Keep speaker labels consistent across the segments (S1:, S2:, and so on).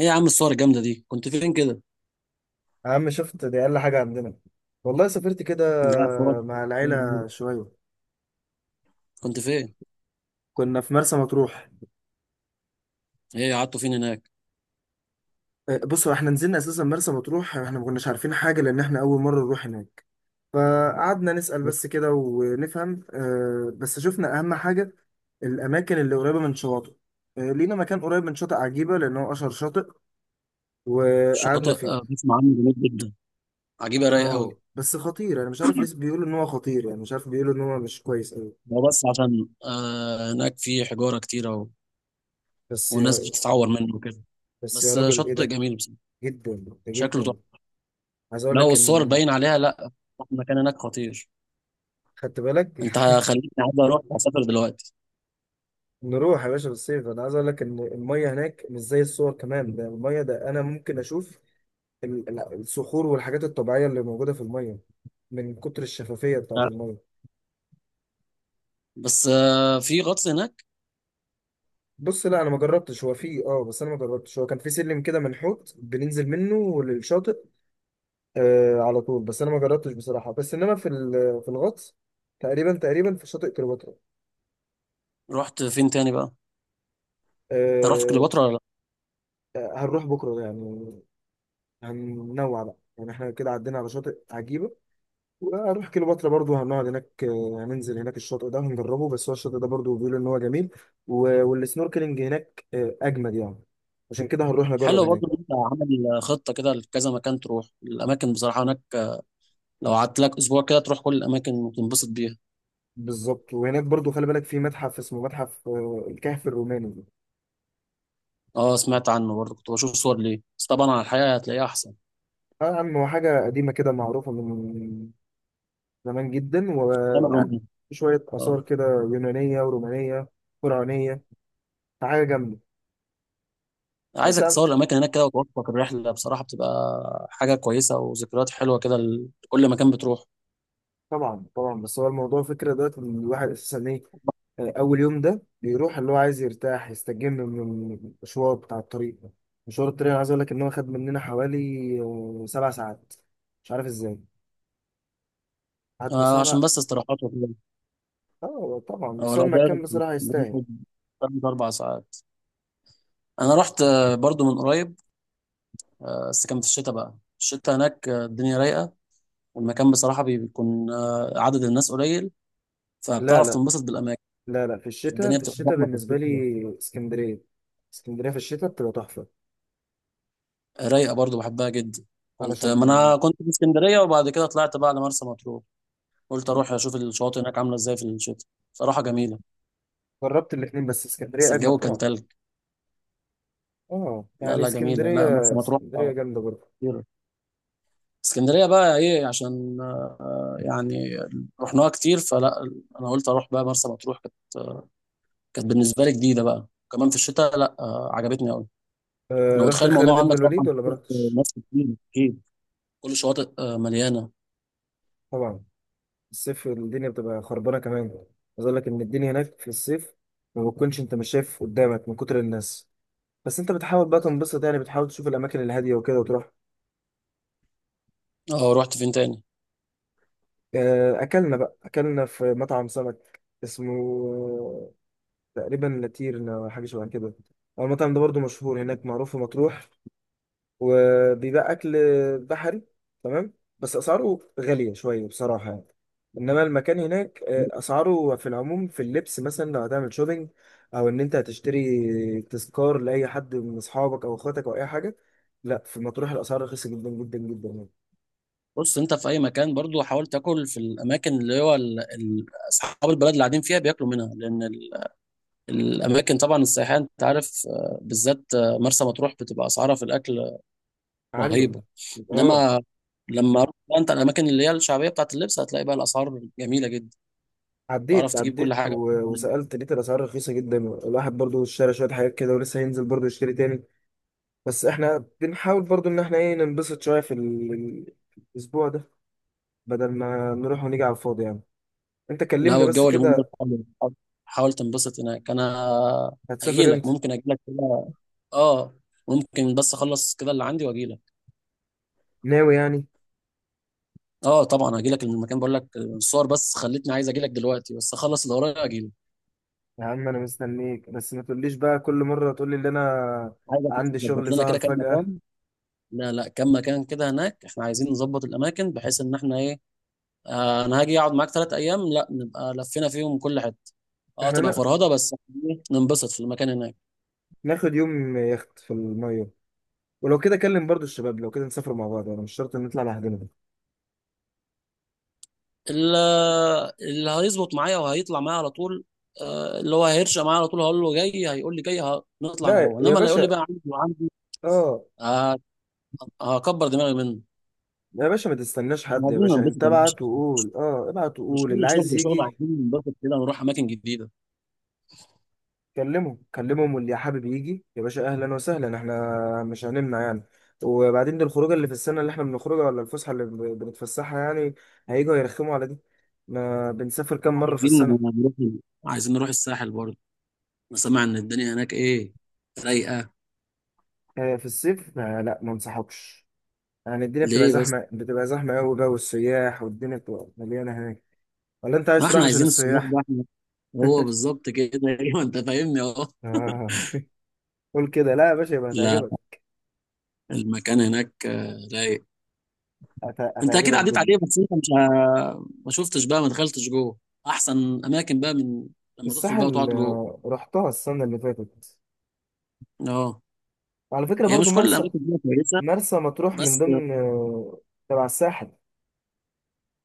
S1: ايه يا عم الصور الجامده دي، كنت فين كده؟
S2: يا عم، شفت دي أقل حاجة عندنا. والله سافرت كده
S1: لا صور
S2: مع
S1: صور
S2: العيلة
S1: إيه؟
S2: شوية.
S1: كنت فين؟
S2: كنا في مرسى مطروح.
S1: ايه، قعدتوا فين هناك؟
S2: بصوا، احنا نزلنا أساسا مرسى مطروح، احنا ما كناش عارفين حاجة لأن احنا أول مرة نروح هناك. فقعدنا نسأل بس كده ونفهم. بس شفنا أهم حاجة الأماكن اللي قريبة من شواطئ. لينا مكان قريب من شاطئ عجيبة لأن هو أشهر شاطئ
S1: شاطئ،
S2: وقعدنا فيه.
S1: بسمع عنه، جميل جدا. عجيبه، رايق قوي.
S2: اه، بس خطير. أنا مش عارف ليه بيقولوا إن هو خطير، يعني مش عارف، بيقولوا إن هو مش كويس أوي.
S1: هو بس عشان هناك في حجاره كتيره
S2: بس
S1: والناس
S2: يا
S1: بتتعور منه وكده.
S2: بس يا
S1: بس
S2: راجل، إيه
S1: شاطئ
S2: ده؟
S1: جميل بس.
S2: جدا
S1: شكله
S2: جدا.
S1: تحفه.
S2: عايز اقول
S1: لا،
S2: لك
S1: والصور
S2: ان،
S1: باين عليها، لا. المكان هناك خطير.
S2: خدت بالك؟
S1: انت خليتني عايز اروح اسافر دلوقتي.
S2: نروح يا باشا بالصيف. انا عايز اقول لك ان الميه هناك مش زي الصور، كمان ده الميه ده انا ممكن اشوف الصخور والحاجات الطبيعيه اللي موجوده في الميه، من كتر الشفافيه بتاعت
S1: لا،
S2: الميه.
S1: بس في غطس هناك؟
S2: بص، لا انا ما جربتش، هو في بس انا ما جربتش. هو كان في سلم كده منحوت بننزل منه للشاطئ على طول. بس انا ما جربتش بصراحه، بس انما في في الغطس تقريبا، تقريبا في شاطئ كليوباترا.
S1: رحت فين تاني بقى؟ انت رحت
S2: آه.
S1: كليوباترا ولا؟
S2: هنروح بكره يعني، هننوع بقى يعني. احنا كده عدينا على شاطئ عجيبة وهنروح كليوباترا برضو، هنقعد هناك. هننزل هناك، الشاطئ ده هنجربه، بس هو الشاطئ ده برضو بيقولوا ان هو جميل والسنوركلينج هناك اجمد يعني. عشان كده هنروح نجرب
S1: حلو برضه إن
S2: هناك.
S1: انت عامل خطه كده لكذا مكان، تروح الاماكن بصراحه هناك. لو قعدت لك اسبوع كده، تروح كل الاماكن وتنبسط بيها.
S2: بالظبط. وهناك برضو خلي بالك، في متحف اسمه متحف الكهف الروماني.
S1: اه، سمعت عنه برضه، كنت بشوف صور ليه، بس طبعا على الحقيقه هتلاقيها احسن.
S2: اه يا عم، هو حاجة قديمة كده معروفة من زمان جدا،
S1: ايام
S2: ويعني
S1: الرومية.
S2: شوية آثار
S1: اه،
S2: كده يونانية ورومانية، فرعونية. حاجة جامدة. بس
S1: عايزك
S2: يا عم.
S1: تصور الاماكن هناك كده وتوثق الرحله، بصراحه بتبقى حاجه كويسه وذكريات حلوه كده لكل مكان بتروح.
S2: طبعا طبعا، بس هو الموضوع فكرة دلوقتي ان الواحد اساسا ايه، اول يوم ده بيروح، اللي هو عايز يرتاح يستجم من المشوار بتاع الطريق ده. مشوار الطريق انا عايز اقول لك ان هو خد مننا حوالي، 7 ساعات. مش عارف ازاي قعدنا سبع.
S1: عشان بس استراحات وكده.
S2: اه طبعا،
S1: اه،
S2: بس هو
S1: لو
S2: المكان
S1: دايركت
S2: بصراحة يستاهل.
S1: بناخد ثلاث اربع ساعات. انا رحت برضه من قريب. بس كان في الشتاء بقى. الشتاء هناك، الدنيا رايقه. المكان بصراحة بيكون عدد الناس قليل.
S2: لا
S1: فبتعرف
S2: لا،
S1: تنبسط بالأماكن.
S2: لا لا، في الشتاء
S1: الدنيا
S2: في
S1: بتبقى
S2: الشتاء
S1: زحمة في
S2: بالنسبة
S1: الصيف
S2: لي
S1: كده.
S2: اسكندرية، اسكندرية في الشتاء بتبقى تحفة.
S1: رايقة برضو، بحبها جدا. كنت،
S2: علشان
S1: ما أنا كنت في اسكندرية، وبعد كده طلعت بقى على مرسى مطروح. قلت أروح أشوف الشواطئ هناك عاملة إزاي في الشتاء. صراحة جميلة.
S2: جربت الاتنين، بس
S1: بس
S2: اسكندرية أجمل
S1: الجو كان
S2: طبعا.
S1: تلج.
S2: اه،
S1: لا،
S2: يعني
S1: لا جميلة، لا مرسى
S2: اسكندرية،
S1: مطروح
S2: اسكندرية جامدة برضه.
S1: خطيرة. اسكندرية بقى إيه، عشان يعني رحناها كتير فلا. أنا قلت أروح بقى مرسى مطروح، آه، كانت بالنسبة لي جديدة بقى. كمان في الشتاء، لا عجبتني أوي. انا
S2: رحت
S1: متخيل الموضوع
S2: خالد بن
S1: عندك
S2: الوليد
S1: طبعا،
S2: ولا ما
S1: في
S2: رحتش؟
S1: مصر كتير اكيد. كل شواطئ مليانه.
S2: طبعا. الصيف الدنيا بتبقى خربانه كمان. عايز اقول لك ان الدنيا هناك في الصيف ما بتكونش، انت مش شايف قدامك من كتر الناس. بس انت بتحاول بقى تنبسط يعني، بتحاول تشوف الاماكن الهاديه وكده وتروح.
S1: اه، رحت فين تاني؟
S2: اكلنا في مطعم سمك اسمه تقريبا لاتيرنا، ولا حاجه شبه كده. هو المطعم ده برضو مشهور هناك، معروف في مطروح، وبيبقى اكل بحري تمام. بس اسعاره غاليه شويه بصراحه يعني. انما المكان هناك اسعاره في العموم، في اللبس مثلا لو هتعمل شوبينج او ان انت هتشتري تذكار لاي حد من اصحابك او اخواتك او اي حاجه، لا، في مطروح الاسعار رخيصه جدا جدا جدا يعني.
S1: بص، انت في اي مكان برضو حاول تاكل في الاماكن اللي هو اصحاب البلد اللي قاعدين فيها بياكلوا منها، لان الاماكن طبعا السياحيه، انت عارف بالذات مرسى مطروح بتبقى اسعارها في الاكل
S2: عاليه.
S1: رهيبه.
S2: اه،
S1: انما لما رحت بقى انت الاماكن اللي هي الشعبيه بتاعت اللبس، هتلاقي بقى الاسعار جميله جدا. تعرف
S2: عديت
S1: تجيب كل
S2: عديت
S1: حاجه.
S2: وسألت، لقيت الأسعار رخيصة جدا، الواحد برضو اشترى شوية حاجات كده ولسه هينزل برضو يشتري تاني. بس احنا بنحاول برضو إن احنا ايه، ننبسط شوية في الأسبوع ده، بدل ما نروح ونيجي على الفاضي يعني. انت
S1: لا،
S2: كلمني
S1: هو
S2: بس
S1: الجو اليومين دول
S2: كده،
S1: حلو. حاول حاول تنبسط هناك. انا
S2: هتسافر
S1: هجيلك،
S2: امتى؟
S1: ممكن اجيلك كده. اه، ممكن بس اخلص كده اللي عندي واجيلك.
S2: ناوي يعني.
S1: اه طبعا، هجيلك من المكان بقول لك، الصور بس خلتني عايز اجيلك دلوقتي، بس اخلص اللي ورايا اجيلك.
S2: يا عم انا مستنيك، بس ما تقوليش بقى كل مره تقولي ان انا
S1: عايزك بس
S2: عندي
S1: تظبط
S2: شغل
S1: لنا
S2: ظهر
S1: كده كام
S2: فجاه.
S1: مكان. لا لا، كام مكان كده هناك احنا عايزين نظبط الاماكن بحيث ان احنا ايه. انا هاجي اقعد معاك 3 ايام، لا نبقى لفينا فيهم كل حته. اه،
S2: احنا
S1: تبقى فرهضه بس. إيه، ننبسط في المكان هناك.
S2: ناخد يوم يخت في الميه، ولو كده كلم برضو الشباب، لو كده نسافر مع بعض، انا مش شرط ان نطلع لوحدنا.
S1: اللي, اللي هيظبط معايا وهيطلع معايا على طول، اللي هو هيرشق معايا على طول هقول له جاي، هيقول لي جاي، نطلع انا
S2: لا
S1: وهو،
S2: يا
S1: انما اللي يقول لي
S2: باشا.
S1: بقى عندي وعندي،
S2: اه.
S1: آه، هكبر دماغي منه.
S2: يا باشا ما تستناش
S1: إحنا
S2: حد، يا
S1: عايزين
S2: باشا انت
S1: ننبسط يا باشا،
S2: ابعت وقول، ابعت
S1: مش
S2: وقول
S1: كل
S2: اللي
S1: شغل
S2: عايز
S1: شغل،
S2: يجي.
S1: عايزين ننبسط كده ونروح اماكن جديده.
S2: كلمهم كلمهم، واللي يا حابب يجي، يا باشا اهلا وسهلا، احنا مش هنمنع يعني. وبعدين دي الخروجه اللي في السنه اللي احنا بنخرجها، ولا الفسحه اللي بنتفسحها يعني؟ هيجوا يرخموا على دي؟ ما بنسافر كام مره في
S1: عايزين نروح
S2: السنه.
S1: عايزين نروح الساحل برضه. انا سامع ان الدنيا هناك ايه، رايقه.
S2: في الصيف، ما، لا ما انصحكش يعني. الدنيا بتبقى
S1: ليه بس؟
S2: زحمه، بتبقى زحمه قوي بقى، والسياح والدنيا بتبقى مليانه هناك. ولا انت
S1: ما
S2: عايز تروح
S1: احنا
S2: عشان
S1: عايزين السياح
S2: السياح؟
S1: بقى احنا، هو بالظبط كده. ايوه انت فاهمني اهو.
S2: آه. قول كده، لا يا باشا، يبقى
S1: لا،
S2: هتعجبك.
S1: المكان هناك رايق. انت اكيد
S2: هتعجبك
S1: عديت
S2: جدا.
S1: عليه بس انت مش، ما شفتش بقى، ما دخلتش جوه احسن اماكن بقى من لما تدخل بقى وتقعد
S2: الساحل
S1: جوه.
S2: رحتها السنه اللي فاتت،
S1: اه.
S2: وعلى فكره
S1: هي
S2: برضو
S1: مش كل
S2: مرسى،
S1: الاماكن دي كويسه.
S2: مرسى مطروح من
S1: بس
S2: ضمن تبع الساحل.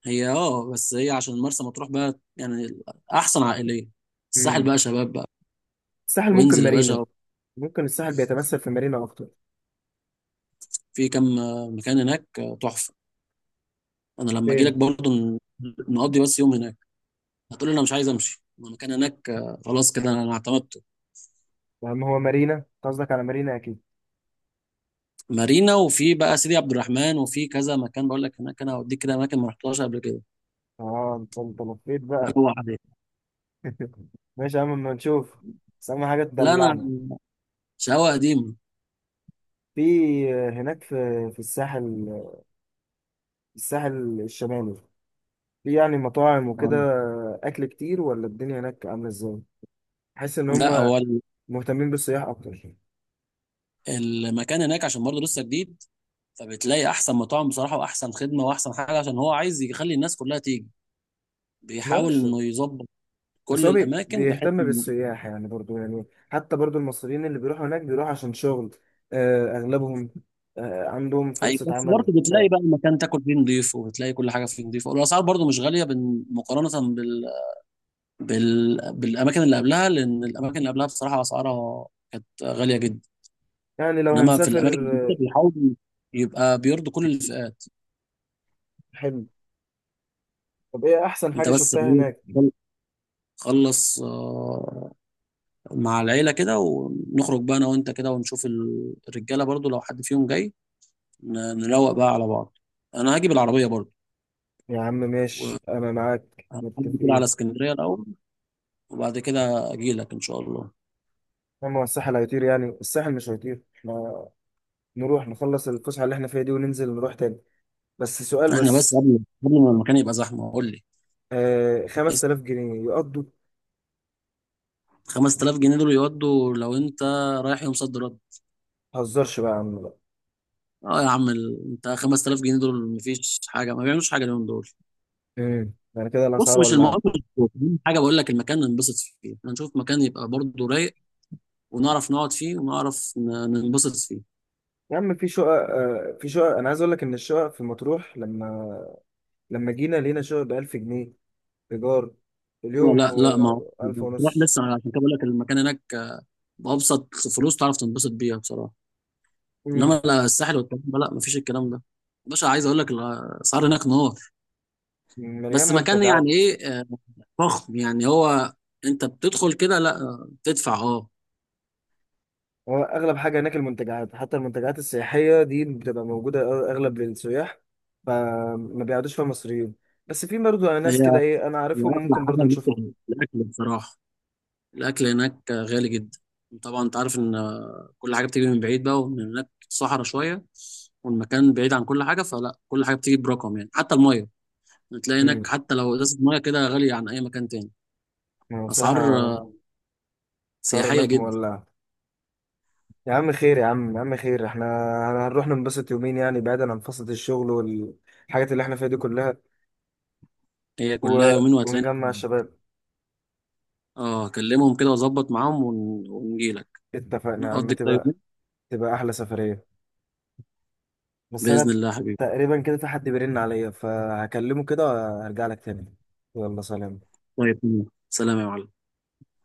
S1: بس هي عشان مرسى مطروح بقى يعني، احسن عائليه. الساحل
S2: مم.
S1: بقى شباب بقى.
S2: الساحل ممكن
S1: وانزل يا
S2: مارينا،
S1: باشا.
S2: ممكن الساحل بيتمثل في مارينا اكتر.
S1: في كم مكان هناك تحفه. انا لما اجي لك
S2: فين؟
S1: برضه نقضي بس يوم هناك، هتقول لي انا مش عايز امشي. ما المكان هناك، خلاص كده انا اعتمدته.
S2: يا عم، هو مارينا أنت قصدك، على مارينا اكيد.
S1: مارينا، وفي بقى سيدي عبد الرحمن، وفي كذا مكان بقول لك هناك، انا هوديك كده اماكن ما رحتهاش قبل كده.
S2: اه انت لفيت بقى.
S1: اروح عليه.
S2: ماشي يا عم، اما نشوف، بس اهم حاجه
S1: لا انا
S2: تدلعنا.
S1: شقاوه قديمه.
S2: في، هناك في الساحل، الساحل الشمالي، في يعني مطاعم وكده
S1: آه.
S2: اكل كتير، ولا الدنيا هناك عامله ازاي؟ بحس ان
S1: لا
S2: هم
S1: هو
S2: مهتمين بالسياح اكتر.
S1: المكان هناك عشان برضه لسه جديد، فبتلاقي احسن مطاعم بصراحه واحسن خدمه واحسن حاجه عشان هو عايز يخلي الناس كلها تيجي. بيحاول
S2: معرفش،
S1: انه يظبط
S2: بس
S1: كل
S2: هو
S1: الاماكن بحيث
S2: بيهتم
S1: انه
S2: بالسياح يعني برضو يعني. حتى برضو المصريين اللي بيروحوا هناك بيروحوا عشان شغل، أغلبهم، عندهم
S1: اي،
S2: فرصة
S1: بس
S2: عمل.
S1: برضه بتلاقي بقى المكان تاكل فيه نضيف وبتلاقي كل حاجه فيه نضيفه، والاسعار برضه مش غاليه مقارنه بالاماكن اللي قبلها، لان الاماكن اللي قبلها بصراحه اسعارها كانت غاليه جدا.
S2: يعني لو
S1: انما في
S2: هنسافر.
S1: الاماكن الجديده بيحاولوا يبقى بيرضوا كل الفئات.
S2: حلو. طب إيه أحسن
S1: انت
S2: حاجة
S1: بس
S2: شفتها هناك؟
S1: خلص مع العيلة كده، ونخرج بقى انا وانت كده ونشوف الرجالة برضو، لو حد فيهم جاي نروق بقى على بعض. انا هاجي بالعربية برضو.
S2: يا عم ماشي، أنا معاك،
S1: هعدي كده على
S2: متفقين.
S1: اسكندرية الاول، وبعد كده اجي لك ان شاء الله.
S2: أما هو الساحل هيطير، يعني الساحل مش هيطير، إحنا نروح نخلص الفسحة اللي إحنا فيها دي وننزل نروح تاني. بس سؤال
S1: احنا بس
S2: بس،
S1: قبل ما المكان يبقى زحمة، قول لي.
S2: 5000 جنيه يقضوا؟
S1: 5000 جنيه دول يودوا، لو انت رايح يوم صد رد؟
S2: متهزرش بقى يا عم بقى.
S1: اه يا عم، انت 5000 جنيه دول مفيش حاجة، ما بيعملوش حاجة اليوم دول.
S2: مم. يعني كده
S1: بص،
S2: الأسعار،
S1: مش
S2: ولا؟
S1: المهم حاجه بقول لك، المكان ننبسط فيه هنشوف مكان يبقى برضه رايق ونعرف نقعد فيه ونعرف ننبسط فيه.
S2: يا عم في شقق انا عايز اقول لك ان الشقق في مطروح، لما جينا لقينا شقق ب 1000 جنيه، ايجار اليوم،
S1: لا لا، ما هو
S2: و1000
S1: تروح
S2: ونص.
S1: لسه، أنا عشان كده بقول لك المكان هناك بأبسط فلوس تعرف تنبسط بيها بصراحة.
S2: مم.
S1: انما لا، الساحل والكلام ده، لا مفيش الكلام ده. باشا عايز اقول لك الاسعار هناك نار.
S2: مليان
S1: بس مكان يعني
S2: منتجعات.
S1: ايه، فخم يعني هو. انت بتدخل كده، لا بتدفع اه.
S2: هو اغلب حاجه هناك المنتجعات، حتى المنتجعات السياحيه دي بتبقى موجوده اغلب للسياح، فما بيقعدوش فيها مصريين. بس في برضه
S1: هي
S2: ناس كده ايه انا
S1: هي
S2: عارفهم،
S1: اغلى
S2: ممكن
S1: حاجه
S2: برضه نشوفهم.
S1: هناك الاكل بصراحه. الاكل هناك غالي جدا. طبعا انت عارف ان كل حاجه بتيجي من بعيد بقى ومن هناك صحراء شويه، والمكان بعيد عن كل حاجه، فلا كل حاجه بتيجي برقم يعني، حتى الميه بتلاقي
S2: مم.
S1: هناك حتى لو ازازه ميه كده غاليه عن اي مكان تاني.
S2: يعني
S1: اسعار
S2: بصراحه، صار
S1: سياحيه
S2: هناك
S1: جدا.
S2: مولع. يا عم خير، يا عم، يا عم خير، احنا هنروح ننبسط يومين يعني، بعيدا عن فصلة الشغل والحاجات اللي احنا فيها دي كلها.
S1: هي كلها
S2: و...
S1: يومين وهتلاقينا
S2: ونجمع
S1: عندك.
S2: الشباب.
S1: اه، اكلمهم كده واظبط معاهم ونجيلك.
S2: اتفقنا يا عم،
S1: نقضي كده
S2: تبقى،
S1: يومين،
S2: تبقى احلى سفرية. بس
S1: باذن
S2: انا
S1: الله يا حبيبي.
S2: تقريبا كده في حد بيرن عليا فهكلمه كده وهرجع لك تاني. يلا سلام.
S1: طيب. سلام يا معلم.